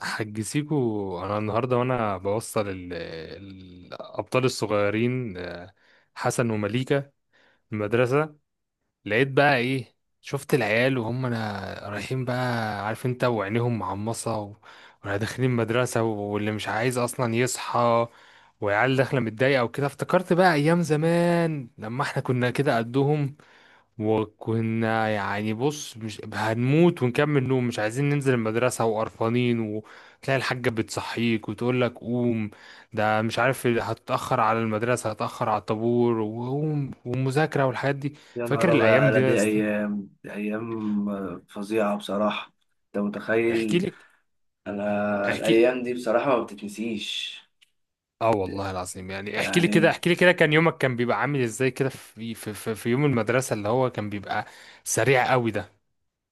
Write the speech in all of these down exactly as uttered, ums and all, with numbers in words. حجزيكوا انا النهارده وانا بوصل ال- الابطال الصغيرين، آه، حسن ومليكة المدرسه. لقيت بقى، ايه، شفت العيال وهم انا رايحين بقى، عارف انت، وعينيهم معمصه و- وانا داخلين مدرسه، واللي مش عايز اصلا يصحى، وعيال داخله متضايقه وكده. افتكرت بقى ايام زمان لما احنا كنا كده قدهم، وكنا يعني، بص، مش هنموت، ونكمل نوم، مش عايزين ننزل المدرسة وقرفانين، وتلاقي الحاجة بتصحيك وتقول لك قوم، ده مش عارف هتتأخر على المدرسة، هتتأخر على الطابور، وقوم، ومذاكرة، والحاجات دي. يا فاكر نهار أبيض الأيام دي على يا دي اسطى؟ أيام دي أيام فظيعة بصراحة. أنت احكي متخيل؟ لك. أنا احكي. الأيام دي بصراحة ما بتتنسيش. اه والله العظيم، يعني احكي لي كده، يعني احكي لي كده، كان يومك كان بيبقى عامل ازاي كده في في في, في يوم المدرسة اللي هو كان بيبقى سريع قوي ده؟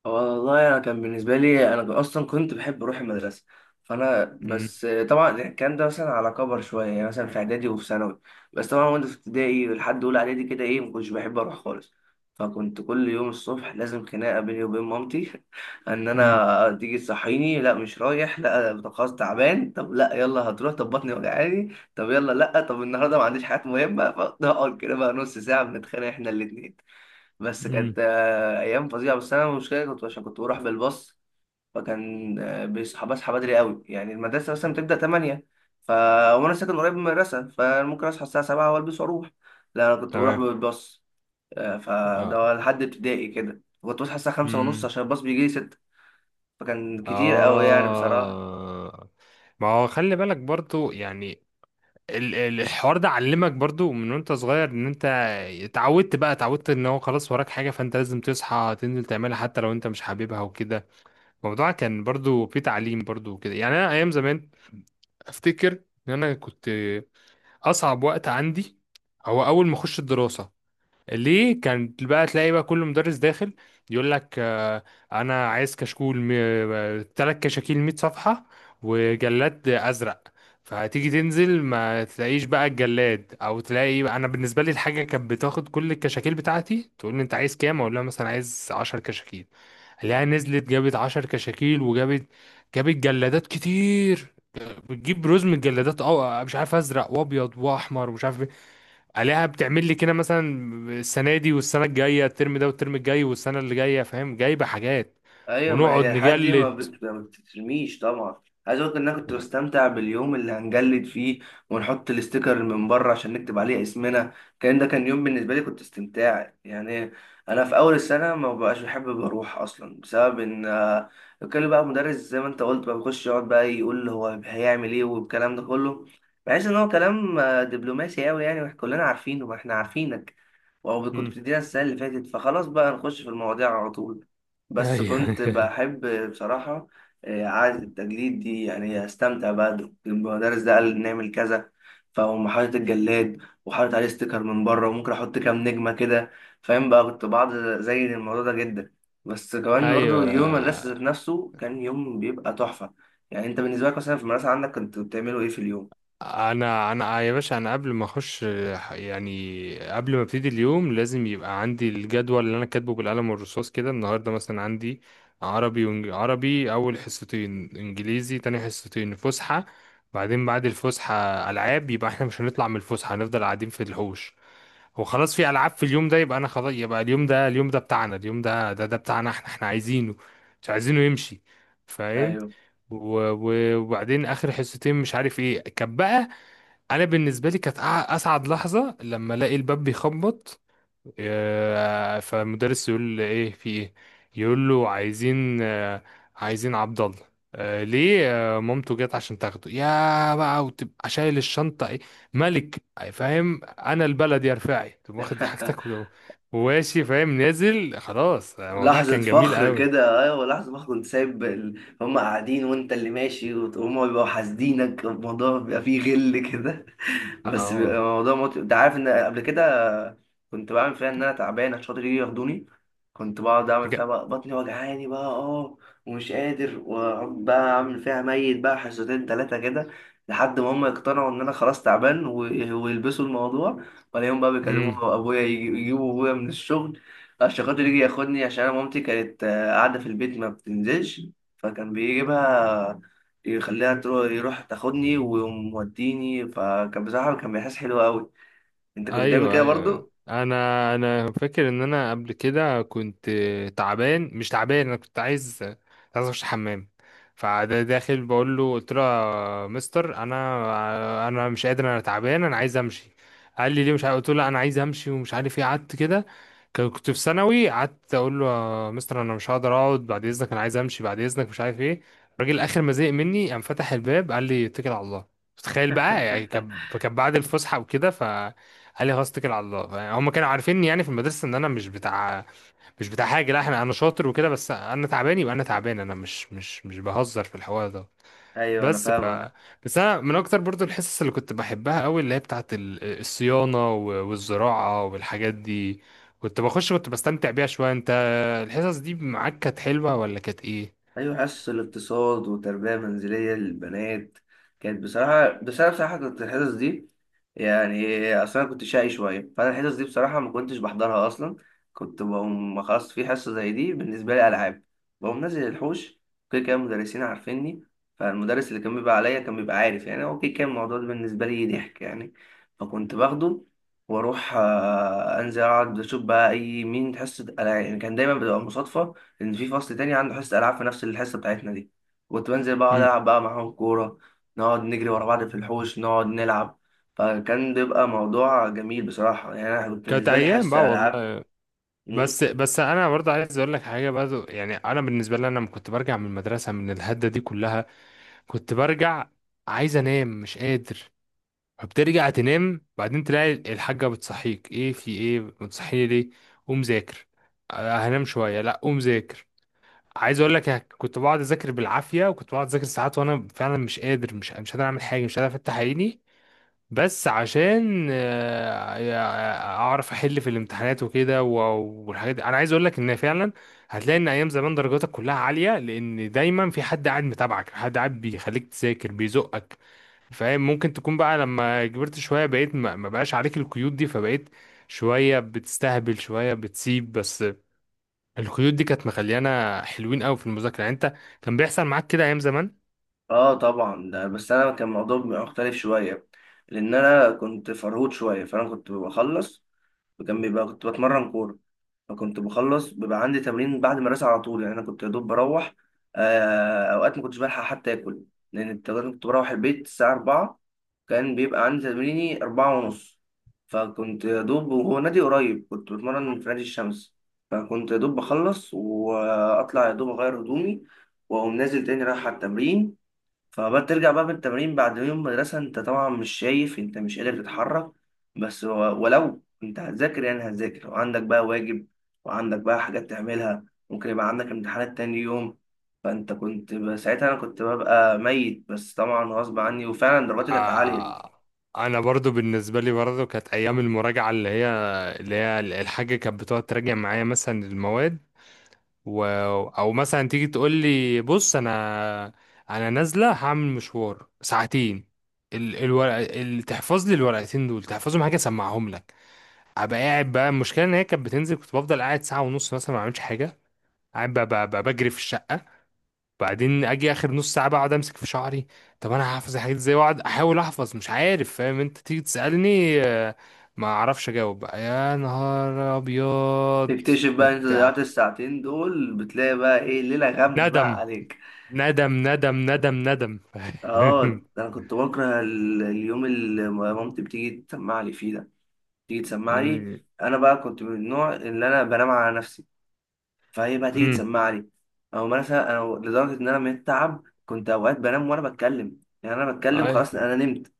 والله انا كان بالنسبه لي انا اصلا كنت بحب اروح المدرسه، فانا امم. بس طبعا الكلام ده مثلا على كبر شويه، يعني مثلا في اعدادي وفي ثانوي. بس طبعا وانا في ابتدائي لحد اولى اعدادي كده ايه، ما كنتش بحب اروح خالص، فكنت كل يوم الصبح لازم خناقه بيني وبين مامتي ان امم. انا تيجي تصحيني لا مش رايح، لا أنا خلاص تعبان، طب لا يلا هتروح، طب بطني وجعاني، طب يلا لا، طب النهارده ما عنديش حاجات مهمه، فنقعد كده بقى نص ساعه بنتخانق احنا الاثنين. بس امم. كانت آه، ايام فظيعه، بس انا المشكله كنت عشان كنت بروح بالباص. فكان آه، بيصحى بصحى بدري قوي، يعني المدرسه مثلا بتبدا تمانية. ف وانا ساكن قريب من المدرسه فممكن اصحى الساعه سبعة والبس واروح. لا انا كنت بروح تمام. بالباص. آه، اه. فده لحد ابتدائي كده كنت بصحى الساعه خمسة ونص امم. عشان الباص بيجي لي ستة. فكان كتير قوي يعني بصراحه. آه. ما هو خلي بالك برضو يعني، ال- ال- الحوار ده علمك برضو من وانت صغير ان انت اتعودت بقى، اتعودت ان هو خلاص وراك حاجة، فانت لازم تصحى تنزل تعملها حتى لو انت مش حاببها وكده. الموضوع كان برضو في تعليم برضو وكده، يعني انا ايام زمان افتكر ان انا كنت، اصعب وقت عندي هو اول ما اخش الدراسة. ليه؟ كان بقى تلاقي بقى كل مدرس داخل يقول لك، آه، انا عايز كشكول، ثلاث كشاكيل 100 صفحة، وجلاد ازرق. فهتيجي تنزل، ما تلاقيش بقى الجلاد، او تلاقي بقى، انا بالنسبه لي الحاجه كانت بتاخد كل الكشاكيل بتاعتي، تقول لي انت عايز كام، اقول لها مثلا عايز 10 كشاكيل، الاقيها نزلت جابت 10 كشاكيل وجابت، جابت جلادات كتير، بتجيب رزم الجلادات، اه مش عارف ازرق وابيض واحمر ومش عارف إيه، عليها بتعمل لي كده مثلا، السنه دي والسنه الجايه، الترم ده والترم الجاي والسنه اللي جايه. فاهم؟ جايبه حاجات ايوه، ما ونقعد هي الحاجات دي ما, نجلد. بت... ما بتترميش طبعا. عايز اقول لك ان انا كنت بستمتع باليوم اللي هنجلد فيه، ونحط الاستيكر من بره عشان نكتب عليه اسمنا. كان ده كان يوم بالنسبه لي كنت استمتاع يعني. انا في اول السنه ما بقاش بحب اروح اصلا بسبب ان آه، كان بقى مدرس زي ما انت قلت بقى بيخش يقعد بقى يقول هو هيعمل ايه والكلام ده كله. بحس ان هو كلام آه، دبلوماسي قوي، يعني واحنا كلنا عارفينه، ما احنا عارفينك او كنت مم. بتدينا السنه اللي فاتت، فخلاص بقى نخش في المواضيع على طول. بس ايوه. كنت بحب بصراحه آه، عاده التجديد دي، يعني استمتع بقى المدرس ده قال نعمل كذا، فاقوم حاطط الجلاد، وحاطط عليه ستيكر من بره وممكن احط كام نجمه كده. فاهم بقى كنت بعض زي الموضوع ده جدا. بس كمان برضو ايوه. يوم المدرسه ذات نفسه كان يوم بيبقى تحفه. يعني انت بالنسبه لك مثلا في المدرسه عندك كنت بتعملوا ايه في اليوم؟ انا انا يا باشا، انا قبل ما اخش، يعني قبل ما ابتدي اليوم، لازم يبقى عندي الجدول اللي انا كاتبه بالقلم والرصاص كده، النهارده مثلا عندي عربي وإنج... عربي اول حصتين، انجليزي تاني حصتين، فسحه، بعدين بعد الفسحه العاب، يبقى احنا مش هنطلع من الفسحه، هنفضل قاعدين في الحوش. هو خلاص في العاب في اليوم ده، يبقى انا خلاص، يبقى اليوم ده، اليوم ده بتاعنا، اليوم ده ده ده بتاعنا، احنا احنا عايزينه، مش عايزينه يمشي. فاهم؟ ايوه. و- و- وبعدين اخر حصتين مش عارف ايه كان بقى، انا بالنسبه لي كانت أع- اسعد لحظه لما الاقي الباب بيخبط، آه، فالمدرس يقول له ايه في ايه، يقول له عايزين، آه، عايزين عبد الله، آه، ليه، آه، مامته جت عشان تاخده، يا بقى وتبقى شايل الشنطه، ايه ملك، آه، فاهم، انا البلد يا رفاعي، تقوم واخد حاجتك و- وماشي، فاهم، نازل خلاص. آه، الموضوع لحظة كان جميل فخر قوي. كده، ايوه لحظة فخر، كنت سايب ال... هم قاعدين وانت اللي ماشي وت- وهم بيبقوا حاسدينك، الموضوع بيبقى فيه غل كده. بس بيبقى اه. الموضوع مت... انت عارف ان قبل كده كنت بعمل فيها ان انا تعبان عشان خاطر يجي ياخدوني. كنت بقعد اعمل فيها بقى بطني وجعاني بقى اه، ومش قادر، واقعد بقى اعمل فيها ميت بقى حصتين تلاتة كده، لحد ما هم يقتنعوا ان انا خلاص تعبان، و... ويلبسوا الموضوع. ولا يوم بقى امم. بيكلموا ابويا يجي- يجيبوا ابويا من الشغل الشقاق اللي يجي ياخدني، عشان أنا مامتي كانت آه، قاعدة في البيت ما بتنزلش، فكان بيجيبها يخليها تروح، يروح تاخدني وموديني. فكان بصراحة كان بيحس حلو أوي. أنت كنت بتعمل ايوه. كده ايوه. برضو؟ انا انا فاكر ان انا قبل كده كنت، تعبان مش تعبان، انا كنت عايز، كنت عايز اخش الحمام. فده داخل بقول له، قلت له يا مستر انا انا مش قادر، انا تعبان، انا عايز امشي. قال لي ليه مش عارف، قلت له انا عايز امشي، ومش عارف ايه، قعدت كده، كان- كنت في ثانوي. قعدت اقول له، يا مستر انا مش هقدر اقعد بعد اذنك، انا عايز امشي بعد اذنك، مش عارف ايه. الراجل اخر ما زهق مني، قام فتح الباب، قال لي اتكل على الله. تخيل بقى يعني، كان كان بعد الفسحه وكده، ف قال لي خلاص اتكل على الله. يعني هم كانوا عارفيني يعني في المدرسه، ان انا مش بتاع، مش بتاع حاجه. لا احنا، انا شاطر وكده، بس انا تعبان يبقى انا تعبان، انا مش مش مش بهزر في الحوار ده. أيوه أنا بس ف فاهمك. بس انا من اكتر برضو الحصص اللي كنت بحبها قوي، اللي هي بتاعت ال- الصيانه و- والزراعه والحاجات دي، كنت بخش، كنت بستمتع بيها شويه. انت الحصص دي معاك كانت حلوه ولا كانت ايه؟ أيوة حصص الاقتصاد وتربية منزلية للبنات كانت بصراحة، بس أنا بصراحة كنت الحصص دي يعني، أصل أنا كنت شقي شوية، فأنا الحصص دي بصراحة ما كنتش بحضرها أصلا. كنت بقوم خلاص في حصة زي دي بالنسبة لي ألعاب. بقوم نازل الحوش، كده كده المدرسين عارفيني. فالمدرس اللي كان بيبقى عليا كان بيبقى عارف، يعني هو كده كان الموضوع ده بالنسبة لي ضحك يعني. فكنت باخده وأروح آه، أنزل أقعد أشوف بقى أي مين حصة ألعاب. يعني كان دايما بتبقى مصادفة ان في فصل تاني عنده حصه العاب في نفس الحصه بتاعتنا دي، كنت بنزل بقعد مم. العب بقى معاهم كوره، نقعد نجري ورا بعض في الحوش، نقعد نلعب. فكان بيبقى موضوع جميل بصراحه، يعني انا كنت كانت بالنسبه لي ايام بقى حصه العاب. والله. مم. بس بس انا برضه عايز اقول لك حاجه برضه، يعني انا بالنسبه لي انا لما كنت برجع من المدرسه من الهده دي كلها، كنت برجع عايز انام مش قادر، فبترجع تنام، بعدين تلاقي الحاجة بتصحيك، ايه في ايه بتصحيني ليه، قوم ذاكر، آه، هنام شوية، لا قوم ذاكر. عايز اقول لك أنا كنت بقعد اذاكر بالعافية، وكنت بقعد اذاكر ساعات وانا فعلا مش قادر، مش مش قادر اعمل حاجة، مش قادر افتح عيني، بس عشان، آه، يع- اعرف احل في الامتحانات وكده و- والحاجات دي. انا عايز اقول لك ان فعلا هتلاقي ان ايام زمان درجاتك كلها عاليه، لان دايما في حد قاعد متابعك، حد قاعد بيخليك تذاكر، بيزقك. فاهم؟ ممكن تكون بقى لما كبرت شويه، بقيت ما ما بقاش عليك القيود دي، فبقيت شويه بتستهبل، شويه بتسيب، بس القيود دي كانت مخليانا حلوين قوي في المذاكره. يعني انت كان بيحصل معاك كده ايام زمان؟ اه طبعا ده، بس انا كان الموضوع بيبقى مختلف شويه، لان انا كنت فرهود شويه، فانا كنت بخلص، جنبي بقى كنت بتمرن كورة. فكنت بخلص بيبقى عندي تمرين بعد المدرسة على طول، يعني أنا كنت يا دوب بروح. آه، أوقات ما كنتش بلحق حتى آكل، لأن الت- كنت بروح البيت الساعة أربعة، كان بيبقى عندي تمريني أربعة ونص. فكنت يا دوب، وهو نادي قريب، كنت بتمرن في نادي الشمس. فكنت يا دوب بخلص وأطلع يا دوب أغير هدومي، وأقوم نازل تاني رايح على التمرين. فبقى ترجع بقى من التمرين بعد يوم مدرسة، انت طبعا مش شايف، انت مش قادر تتحرك. بس و- ولو انت هتذاكر يعني هتذاكر، وعندك بقى واجب، وعندك بقى حاجات تعملها، ممكن يبقى عندك امتحانات تاني يوم. فانت كنت ب- ساعتها انا كنت ببقى ميت، بس طبعا غصب عني، وفعلا درجاتي كانت عالية. آه. انا برضو بالنسبه لي برضو كانت ايام المراجعه، اللي هي اللي هي الحاجه كانت بتقعد تراجع معايا مثلا المواد، و... او مثلا تيجي تقول لي بص انا، انا نازله هعمل مشوار ساعتين، ال... الورق ال... تحفظ لي الورقتين دول، تحفظهم حاجه، اسمعهم لك. ابقى قاعد بقى، المشكله ان هي كانت بتنزل، كنت بفضل قاعد ساعه ونص مثلا ما بعملش حاجه، قاعد بقى, بقى, بقى بجري في الشقه، بعدين اجي اخر نص ساعه بقى، اقعد امسك في شعري. طب انا هحفظ الحاجات ازاي؟ واقعد احاول احفظ، مش عارف، فاهم، انت تيجي تسالني، آه، ما اعرفش اجاوب بقى، يا نهار ابيض. تكتشف بقى انت كنت ع- ضيعت الساعتين دول، بتلاقي بقى ايه ليلة غم ندم، بقى عليك. ندم، ندم، ندم، ندم. اه ده فاهم؟ انا كنت بكره ال- اليوم اللي مامتي بتيجي تسمع لي فيه ده، تيجي تسمع لي. أمم، انا بقى كنت من النوع اللي انا بنام على نفسي، فهي بقى تيجي أمم، تسمع لي. او مثلا انا لدرجه ان انا من التعب كنت اوقات بنام وانا بتكلم، يعني انا بتكلم أي. خلاص انا نمت،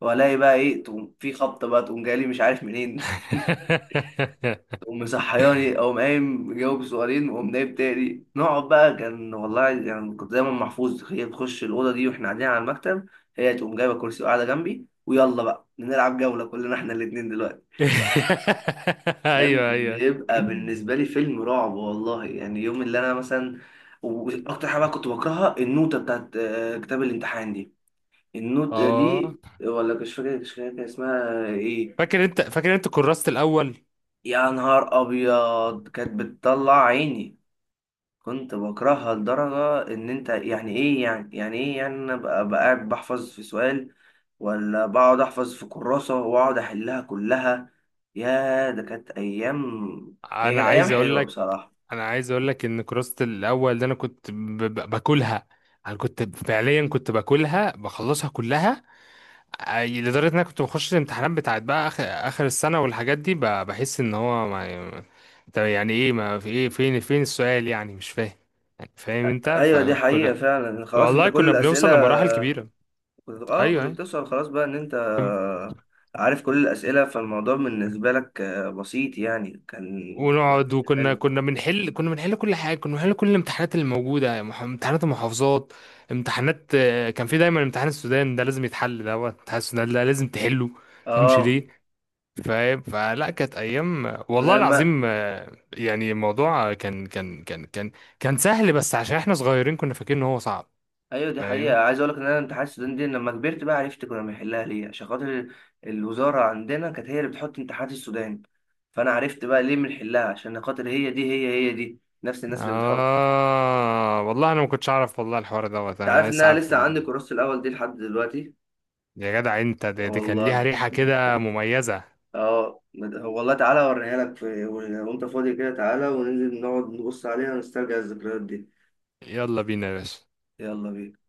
والاقي بقى ايه، تقوم في خبطه بقى، تقوم جايلي مش عارف منين. تقوم مصحياني، اقوم قايم مجاوب سؤالين واقوم نايم تاني، نقعد بقى. كان والله يعني كنت دايما محفوظ هي تخش الاوضه دي واحنا قاعدين على المكتب، هي تقوم جايبه كرسي وقاعده جنبي، ويلا بقى نلعب جوله كلنا احنا الاتنين دلوقتي. ايوه، كان ايوه، بيبقى بالنسبة لي فيلم رعب والله، يعني يوم اللي أنا مثلا، وأكتر حاجة بقى كنت بكرهها النوتة بتاعت آه، كتاب الامتحان دي. النوتة اه. دي، ولا مش فاكر، مش فاكر كان اسمها إيه. فاكر انت، فاكر انت كراسة الاول. يا نهار أبيض كانت بتطلع عيني. كنت بكرهها لدرجة إن أنت يعني إيه، يعني يعني إيه، يعني أنا بقى بقى قاعد بحفظ في سؤال، ولا بقعد أحفظ في كراسة وأقعد أحلها كلها. يا ده كانت أيام، هي انا كانت أيام عايز اقول حلوة لك بصراحة. انا عايز اقول لك ان كراسة الاول ده انا كنت ب- ب- باكلها، انا كنت فعليا كنت باكلها، بخلصها كلها، أي- لدرجة ان انا كنت بخش الامتحانات بتاعت بقى اخر، اخر السنة والحاجات دي، ب بحس ان هو، ما طب يعني ايه، ما في ايه، فين فين السؤال، يعني مش فاهم، يعني فاهم انت؟ ايوه دي حقيقة فكنا، فعلا، خلاص انت والله كل كنا الاسئلة. بنوصل لمراحل كبيرة. كنت اه ايوه كنت ايوه. بتوصل خلاص بقى ان انت عارف كل الاسئلة، فالموضوع بالنسبة لك آه، بسيط يعني، كان ونقعد، وكنا حلو. كنا بنحل، كنا بنحل كل حاجه، كنا بنحل كل الامتحانات اللي موجوده، مح- امتحانات المحافظات، امتحانات، آه، كان في دايما امتحان السودان ده لازم يتحل، ده هو امتحان السودان ده لازم تحله. فهمش اه ليه؟ فاهم؟ فلا، كانت ايام انا والله لما العظيم. آه، يعني الموضوع كان كان كان كان كان سهل، بس عشان احنا صغيرين كنا فاكرين ان هو صعب. ايوه دي حقيقة. فاهم؟ عايز اقول لك ان انا امتحانات السودان دي لما كبرت بقى عرفت كنا بنحلها ليه، عشان خاطر الوزارة عندنا كانت هي اللي بتحط امتحانات السودان، فانا عرفت بقى ليه بنحلها، عشان خاطر هي دي، هي هي دي نفس الناس اللي بتحط. اه والله انا ما كنتش اعرف والله، الحوار دوت انت عارف انا ان لسه انا عارف لسه من- عندي كورس الاول دي لحد دلوقتي. يا جدع انت، دي, دي كان ليها والله ريحه كده مميزه. اه مد- والله تعالى اوريها لك، في وانت فاضي كده تعالى وننزل نقعد نبص عليها ونسترجع الذكريات دي. يلا بينا يا باشا. يلا بينا.